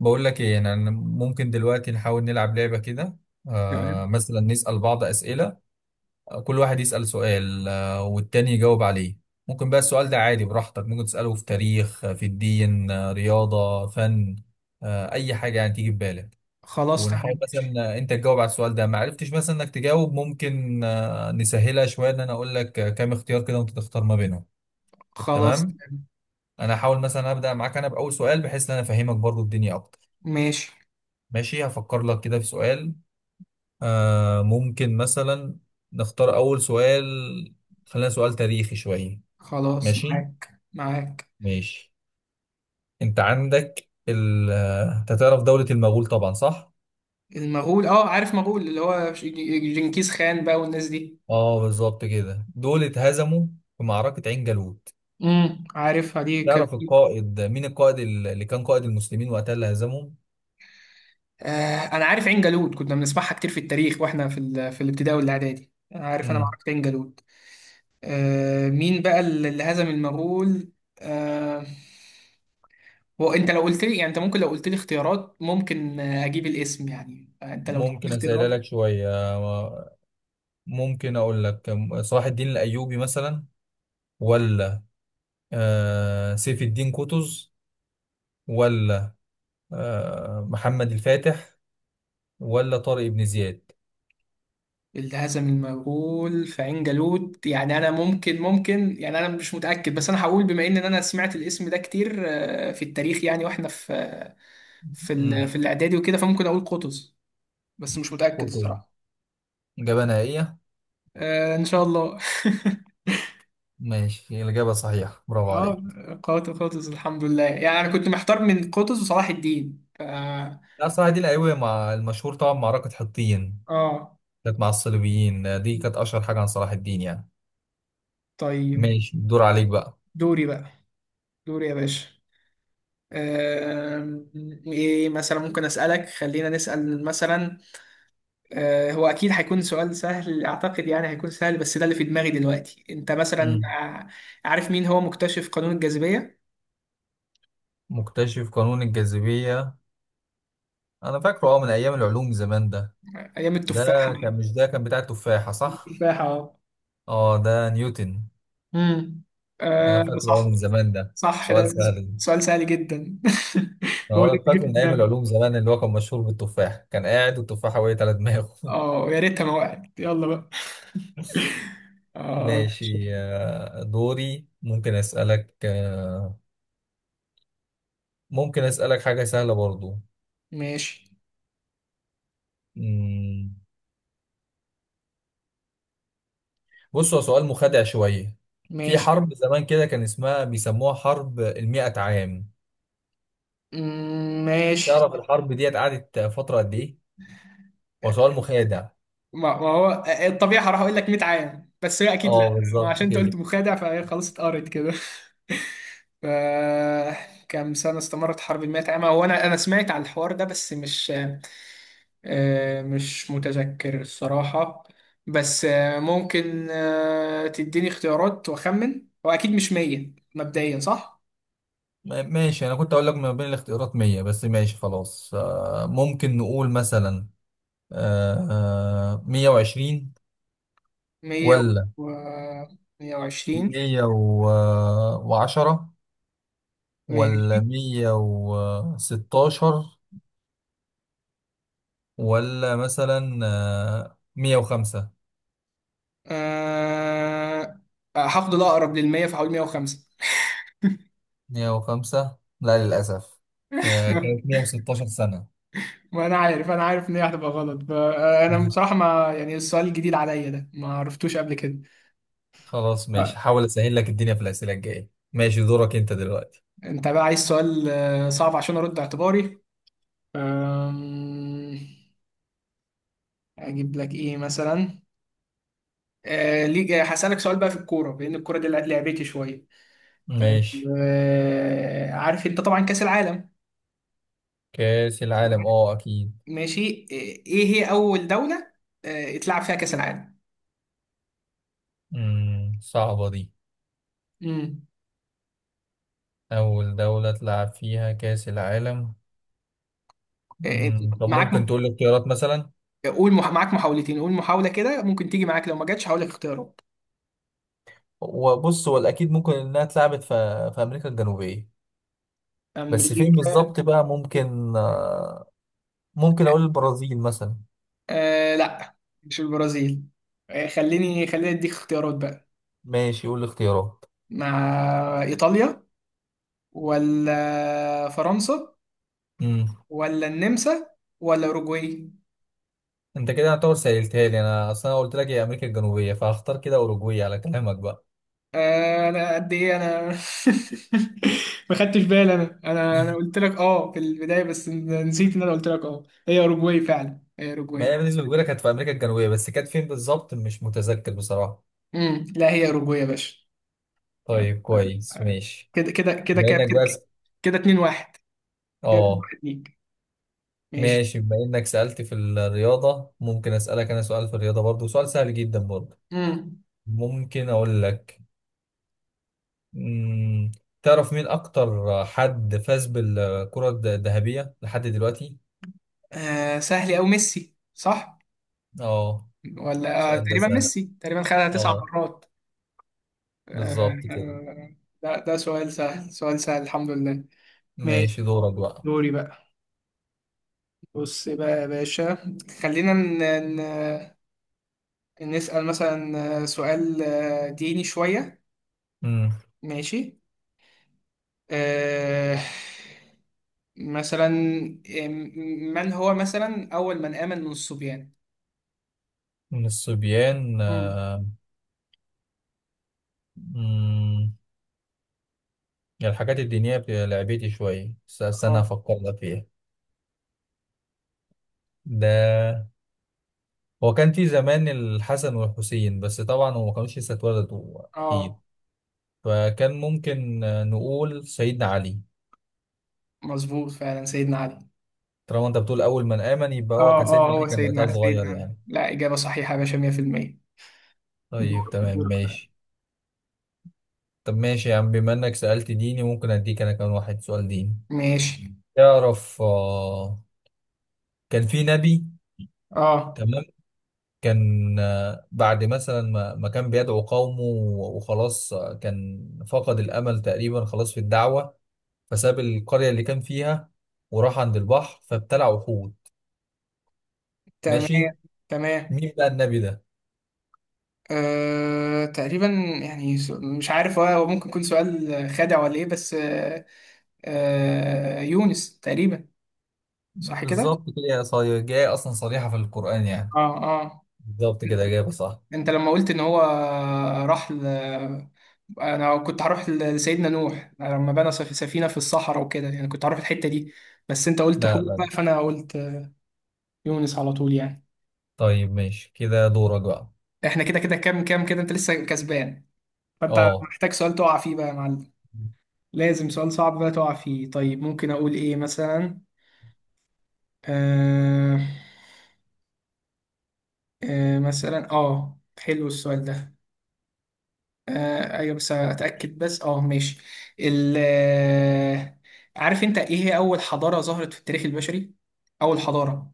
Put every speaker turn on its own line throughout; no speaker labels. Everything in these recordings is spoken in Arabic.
بقول لك ايه، يعني انا ممكن دلوقتي نحاول نلعب لعبة كده. آه،
تمام.
مثلا نسأل بعض أسئلة. كل واحد يسأل سؤال والتاني يجاوب عليه. ممكن بقى السؤال ده عادي براحتك، ممكن تسأله في تاريخ، في الدين، رياضة، فن، أي حاجة يعني تيجي في بالك.
خلاص، تمام،
ونحاول مثلا،
ماشي.
أنت تجاوب على السؤال ده. ما عرفتش مثلا إنك تجاوب، ممكن نسهلها شوية، إن أنا أقول لك كام اختيار كده وأنت تختار ما بينهم.
خلاص،
تمام،
تمام.
أنا هحاول مثلا أبدأ معاك أنا بأول سؤال بحيث إن أنا أفهمك برضو الدنيا أكتر.
ماشي.
ماشي، هفكر لك كده في سؤال. ممكن مثلا نختار أول سؤال. خلينا سؤال تاريخي شوية.
خلاص،
ماشي
معاك معاك.
ماشي. أنت عندك ال آه، أنت تعرف دولة المغول طبعا، صح؟
المغول، اه، عارف مغول اللي هو جنكيز خان بقى والناس دي.
اه، بالظبط كده، دول اتهزموا في معركة عين جالوت.
عارفها دي كانت.
تعرف القائد مين، القائد اللي كان قائد المسلمين وقتها اللي هزمهم؟
انا عارف عين جالوت، كنا بنسمعها كتير في التاريخ واحنا في في الابتدائي والاعدادي. انا عارف
مم.
معركة عين جالوت. مين بقى اللي هزم المغول؟ آه. هو انت لو قلت لي، يعني انت ممكن لو قلت لي اختيارات، ممكن اجيب الاسم، يعني انت لو قلت لي
ممكن أسألها
اختيارات.
لك شوية، ممكن أقول لك صلاح الدين الأيوبي مثلا، ولا سيف الدين قطز، ولا محمد الفاتح، ولا طارق بن زياد.
الهزم المغول في عين جالوت، يعني انا ممكن، يعني انا مش متاكد، بس انا هقول، بما ان انا سمعت الاسم ده كتير في التاريخ، يعني واحنا في في
امم،
ال- في الاعدادي وكده، فممكن اقول قطز. بس مش متاكد
قلت إيه؟
الصراحه.
إجابة نهائية.
ان شاء الله.
ماشي، الإجابة صحيحة، برافو
اه.
عليك.
قوات قطز، الحمد لله. يعني انا كنت محتار من قطز وصلاح الدين
لا صراحة دي الأيوة مع المشهور طبعا معركة حطين،
اه،
كانت مع الصليبيين. دي كانت أشهر حاجة عن صلاح الدين يعني.
طيب.
ماشي، الدور عليك بقى.
دوري بقى، دوري يا باشا. آم، ايه مثلا ممكن اسالك؟ خلينا نسال مثلا، هو اكيد هيكون سؤال سهل اعتقد، يعني هيكون سهل، بس ده اللي في دماغي دلوقتي. انت مثلا
امم،
عارف مين هو مكتشف قانون الجاذبية؟
مكتشف قانون الجاذبية. أنا فاكره أه من أيام العلوم زمان ده.
ايام
ده
التفاحة.
كان، مش ده كان بتاع التفاحة، صح؟
التفاحة، اه.
أه، ده نيوتن.
امم
أنا فاكره أه
صح.
من زمان، ده
صح، ده
سؤال سهل.
سؤال سهل جدا. هو
هو
اللي
أنا
جه في
فاكر من ايام
دماغي.
العلوم زمان، اللي هو كان مشهور بالتفاح، كان قاعد والتفاحه وقعت على دماغه.
اه، يا ريتها ما وقعت. يلا بقى. اه.
ماشي، دوري، ممكن اسالك، ممكن اسالك حاجه سهله برضو.
ماشي.
مم، بص، هو سؤال مخادع شويه. في
ماشي.
حرب زمان كده كان اسمها، بيسموها حرب المئة عام.
ماشي.
تعرف الحرب ديت قعدت فتره قد ايه؟ هو سؤال مخادع.
ما هو الطبيعي هروح اقول لك 100 عام، بس هي اكيد
اه
لا، ما
بالظبط
عشان انت
كده.
قلت مخادع فهي خلاص اتقرت كده. ف كام سنة استمرت حرب المئة عام؟ هو أنا سمعت على الحوار ده، بس مش، مش متذكر الصراحة. بس ممكن تديني اختيارات وأخمن. هو أكيد مش 100 مبدئيا، صح؟
ماشي، انا كنت اقول لك ما بين الاختيارات 100، بس ماشي خلاص. ممكن نقول مثلا، آه، 120،
مية
ولا
و 120.
110،
ماشي.
ولا 116، ولا مثلا 105.
أه... هاخد الأقرب للمية، فهقول 105.
105، لا للأسف. هي كانت 116 سنة.
ما انا عارف، ان هي هتبقى غلط. انا
مم.
بصراحه، ما يعني السؤال الجديد عليا ده، ما عرفتوش قبل كده.
خلاص ماشي،
آه،
حاول أسهل لك الدنيا في الأسئلة الجاية. ماشي، دورك أنت دلوقتي.
انت بقى عايز سؤال صعب عشان ارد اعتباري. أم، اجيب لك ايه مثلا؟ ليك هسألك سؤال بقى في الكوره، بان الكوره دي لعبتي شويه.
ماشي،
عارف انت طبعا كاس العالم؟
كأس العالم، أه أكيد.
ماشي. ايه هي اول دوله اتلعب فيها كاس العالم؟
مم، صعبة دي.
امم
أول دولة تلعب فيها كأس العالم.
آه،
مم، طب
معاك.
ممكن تقول لي اختيارات مثلا.
قول، معاك محاولتين. قول محاوله كده، ممكن تيجي معاك، لو ما جاتش هقول لك اختيارات.
وبص، هو الأكيد ممكن إنها اتلعبت في أمريكا الجنوبية، بس فين
امريكا.
بالظبط بقى. ممكن ممكن أقول البرازيل مثلا.
لا، مش البرازيل. خليني اديك اختيارات بقى.
ماشي، قول الاختيارات.
مع ايطاليا، ولا فرنسا،
مم.
ولا النمسا، ولا اوروجواي.
انت كده هتعتبر سهلتها لي، انا اصلا قلت لك هي امريكا الجنوبيه، فهختار كده اوروجواي على كلامك بقى.
انا قد ايه انا. ما خدتش بالي، انا، انا قلت لك، اه، في البدايه، بس نسيت ان انا قلت لك، اه، هي اوروجواي. فعلا هي
ما هي
اوروجواي.
بالنسبه لي كانت في امريكا الجنوبيه، بس كانت فين بالظبط مش متذكر بصراحه.
لا، هي اوروجواي يا باشا.
طيب كويس ماشي.
كده كده كده
بما
كده
انك
كده.
بس،
كده 2-1. كده 2
اه
1 ليك. ماشي.
ماشي، بما انك سألت في الرياضة ممكن اسألك انا سؤال في الرياضة برضو، سؤال سهل جدا برضو.
مم.
ممكن اقول لك، مم، تعرف مين اكتر حد فاز بالكرة الذهبية لحد دلوقتي؟
سهل أوي، ميسي، صح؟
اه،
ولا،
السؤال ده
تقريبا
سهل.
ميسي، تقريبا خدها تسع
اه
مرات آه،
بالظبط كده.
آه، ده سؤال سهل، سؤال سهل، الحمد لله. ماشي.
ماشي، دورك بقى.
دوري بقى. بص بقى يا باشا، خلينا ن... نسأل مثلا سؤال ديني شوية.
مم،
ماشي. آه مثلا، آه، من هو مثلا أول من آمن من الصبيان؟
من الصبيان،
مم.
مم، يعني الحاجات الدينية بتبقى لعبتي شوية، بس استنى
اه،
افكر لك فيها. ده هو كان في زمان الحسن والحسين، بس طبعا هو ما كانوش لسه اتولدوا
اه،
اكيد. فكان ممكن نقول سيدنا علي.
مظبوط، فعلا سيدنا علي.
طالما انت بتقول اول من امن، يبقى هو
اه،
كان سيدنا
اه،
علي،
هو
كان وقتها
سيدنا
صغير
سيدنا علي.
يعني.
لا، إجابة صحيحة يا باشا، 100%.
طيب
دورك،
تمام
دورك بقى.
ماشي. طب ماشي يا عم، بما انك سألت ديني ممكن اديك انا كمان واحد سؤال ديني.
ماشي.
تعرف كان في نبي،
اه.
تمام، كان بعد مثلا ما كان بيدعو قومه، وخلاص كان فقد الامل تقريبا خلاص في الدعوة، فساب القرية اللي كان فيها وراح عند البحر فابتلع وحود.
تمام،
ماشي،
تمام.
مين بقى النبي ده؟
تقريبا، يعني مش عارف. هو ممكن يكون سؤال خادع ولا ايه، بس يونس تقريبا. صح كده؟
بالظبط كده يا صايع، جاي اصلا صريحة في القرآن يعني.
اه، اه.
بالظبط
انت،
كده، إجابة صح.
أنت لما قلت ان هو راح. انا كنت هروح لسيدنا نوح لما بنى سفينة في الصحراء وكده، يعني كنت هروح الحتة دي. بس انت قلت
لا لا
حوت بقى،
لا.
فانا قلت يونس على طول يعني.
طيب ماشي كده، دورك بقى.
احنا كده كده، كام كده، انت لسه كسبان. فانت
اه
محتاج سؤال تقع فيه بقى يا معلم. لازم سؤال صعب بقى تقع فيه. طيب ممكن اقول ايه مثلا؟ آه مثلا، اه، حلو السؤال ده. ايوه، بس اتاكد، بس اه، ماشي. ال آه، عارف انت ايه هي اول حضارة ظهرت في التاريخ البشري؟ اول حضارة.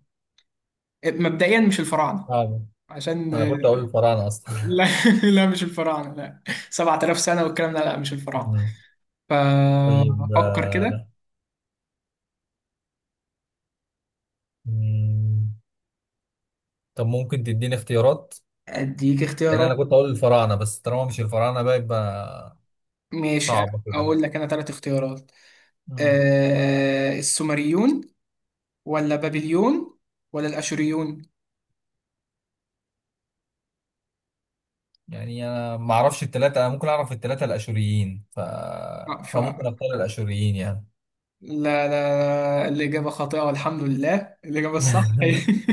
مبدئيا مش الفراعنة.
فعلا.
عشان
انا كنت اقول الفراعنة اصلا.
لا، لا، مش الفراعنة، لا. 7000 سنة والكلام ده، لا، مش الفراعنة.
مم. طيب
ففكر كده.
مم. طب ممكن تديني اختيارات؟
أديك
لان انا
اختيارات.
كنت اقول الفراعنة، بس طالما مش الفراعنة بقى يبقى
ماشي.
صعبة كده.
أقول لك أنا 3 اختيارات.
مم.
أه، السومريون، ولا بابليون، ولا الأشوريون.
يعني انا ما اعرفش التلاتة، انا ممكن اعرف التلاتة الاشوريين
آه، ف
فممكن اختار الاشوريين يعني.
لا، لا، لا، الإجابة خاطئة، والحمد لله. الإجابة الصح هي،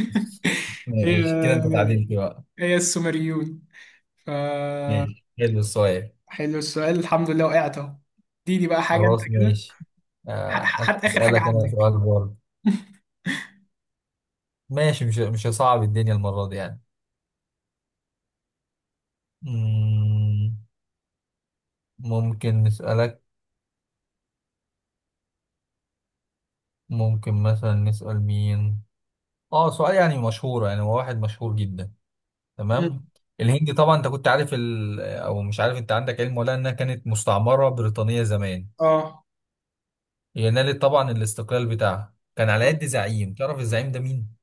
هي،
ماشي كده انت تعادلت بقى.
هي السومريون. ف
ماشي، حلو السؤال.
حلو السؤال، الحمد لله، وقعت أهو. دي بقى حاجة، أنت
خلاص
كده.
ماشي،
حتى آخر حاجة
اسالك انا
عندك.
سؤال برضه. ماشي، مش هصعب الدنيا المرة دي يعني. مم، ممكن نسالك، ممكن مثلا نسال مين. اه سؤال يعني مشهور، يعني هو واحد مشهور جدا.
مم.
تمام. الهند طبعا، انت كنت عارف او مش عارف، انت عندك علم ولا انها كانت مستعمره بريطانيه زمان.
اه.
هي نالت طبعا الاستقلال بتاعها، كان على يد زعيم. تعرف الزعيم ده مين؟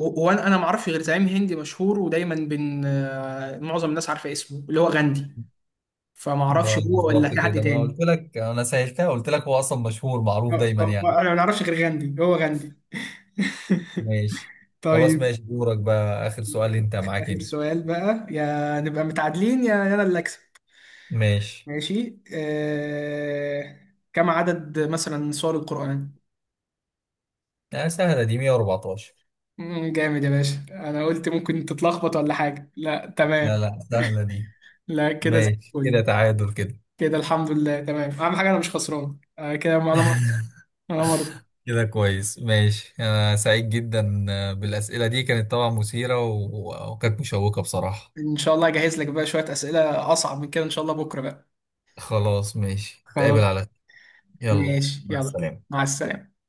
هو انا ما اعرفش غير زعيم هندي مشهور ودايما بين معظم الناس عارفه اسمه، اللي هو غاندي. فما
ما
اعرفش هو ولا
بالظبط
في حد
كده، ما انا
تاني.
قلت لك انا سهلتها، قلت لك هو اصلا مشهور معروف دايما يعني.
انا ما اعرفش غير غاندي، هو غاندي.
ماشي. خلاص
طيب.
ماشي، دورك بقى، اخر سؤال انت معاك
اخر
انت.
سؤال بقى، يا نبقى متعادلين، يا انا اللي اكسب.
ماشي،
ماشي. كم عدد مثلا سور القرآن؟
آه سهله دي، 114.
جامد يا باشا. انا قلت ممكن تتلخبط ولا حاجه، لا،
لا
تمام.
لا سهله دي.
لا، كده زي
ماشي كده،
الفل.
تعادل. كده
كده الحمد لله، تمام. اهم حاجه انا مش خسران، كده. انا مر...
كده كويس ماشي، أنا سعيد جدا، بالأسئلة دي كانت طبعا مثيرة وكانت مشوقة بصراحة.
ان شاء الله اجهز لك بقى شوية اسئلة اصعب من كده، ان شاء الله، بكرة بقى.
خلاص ماشي، نتقابل
خلاص.
على، يلا،
ماشي.
مع
يلا.
السلامة.
مع السلامة.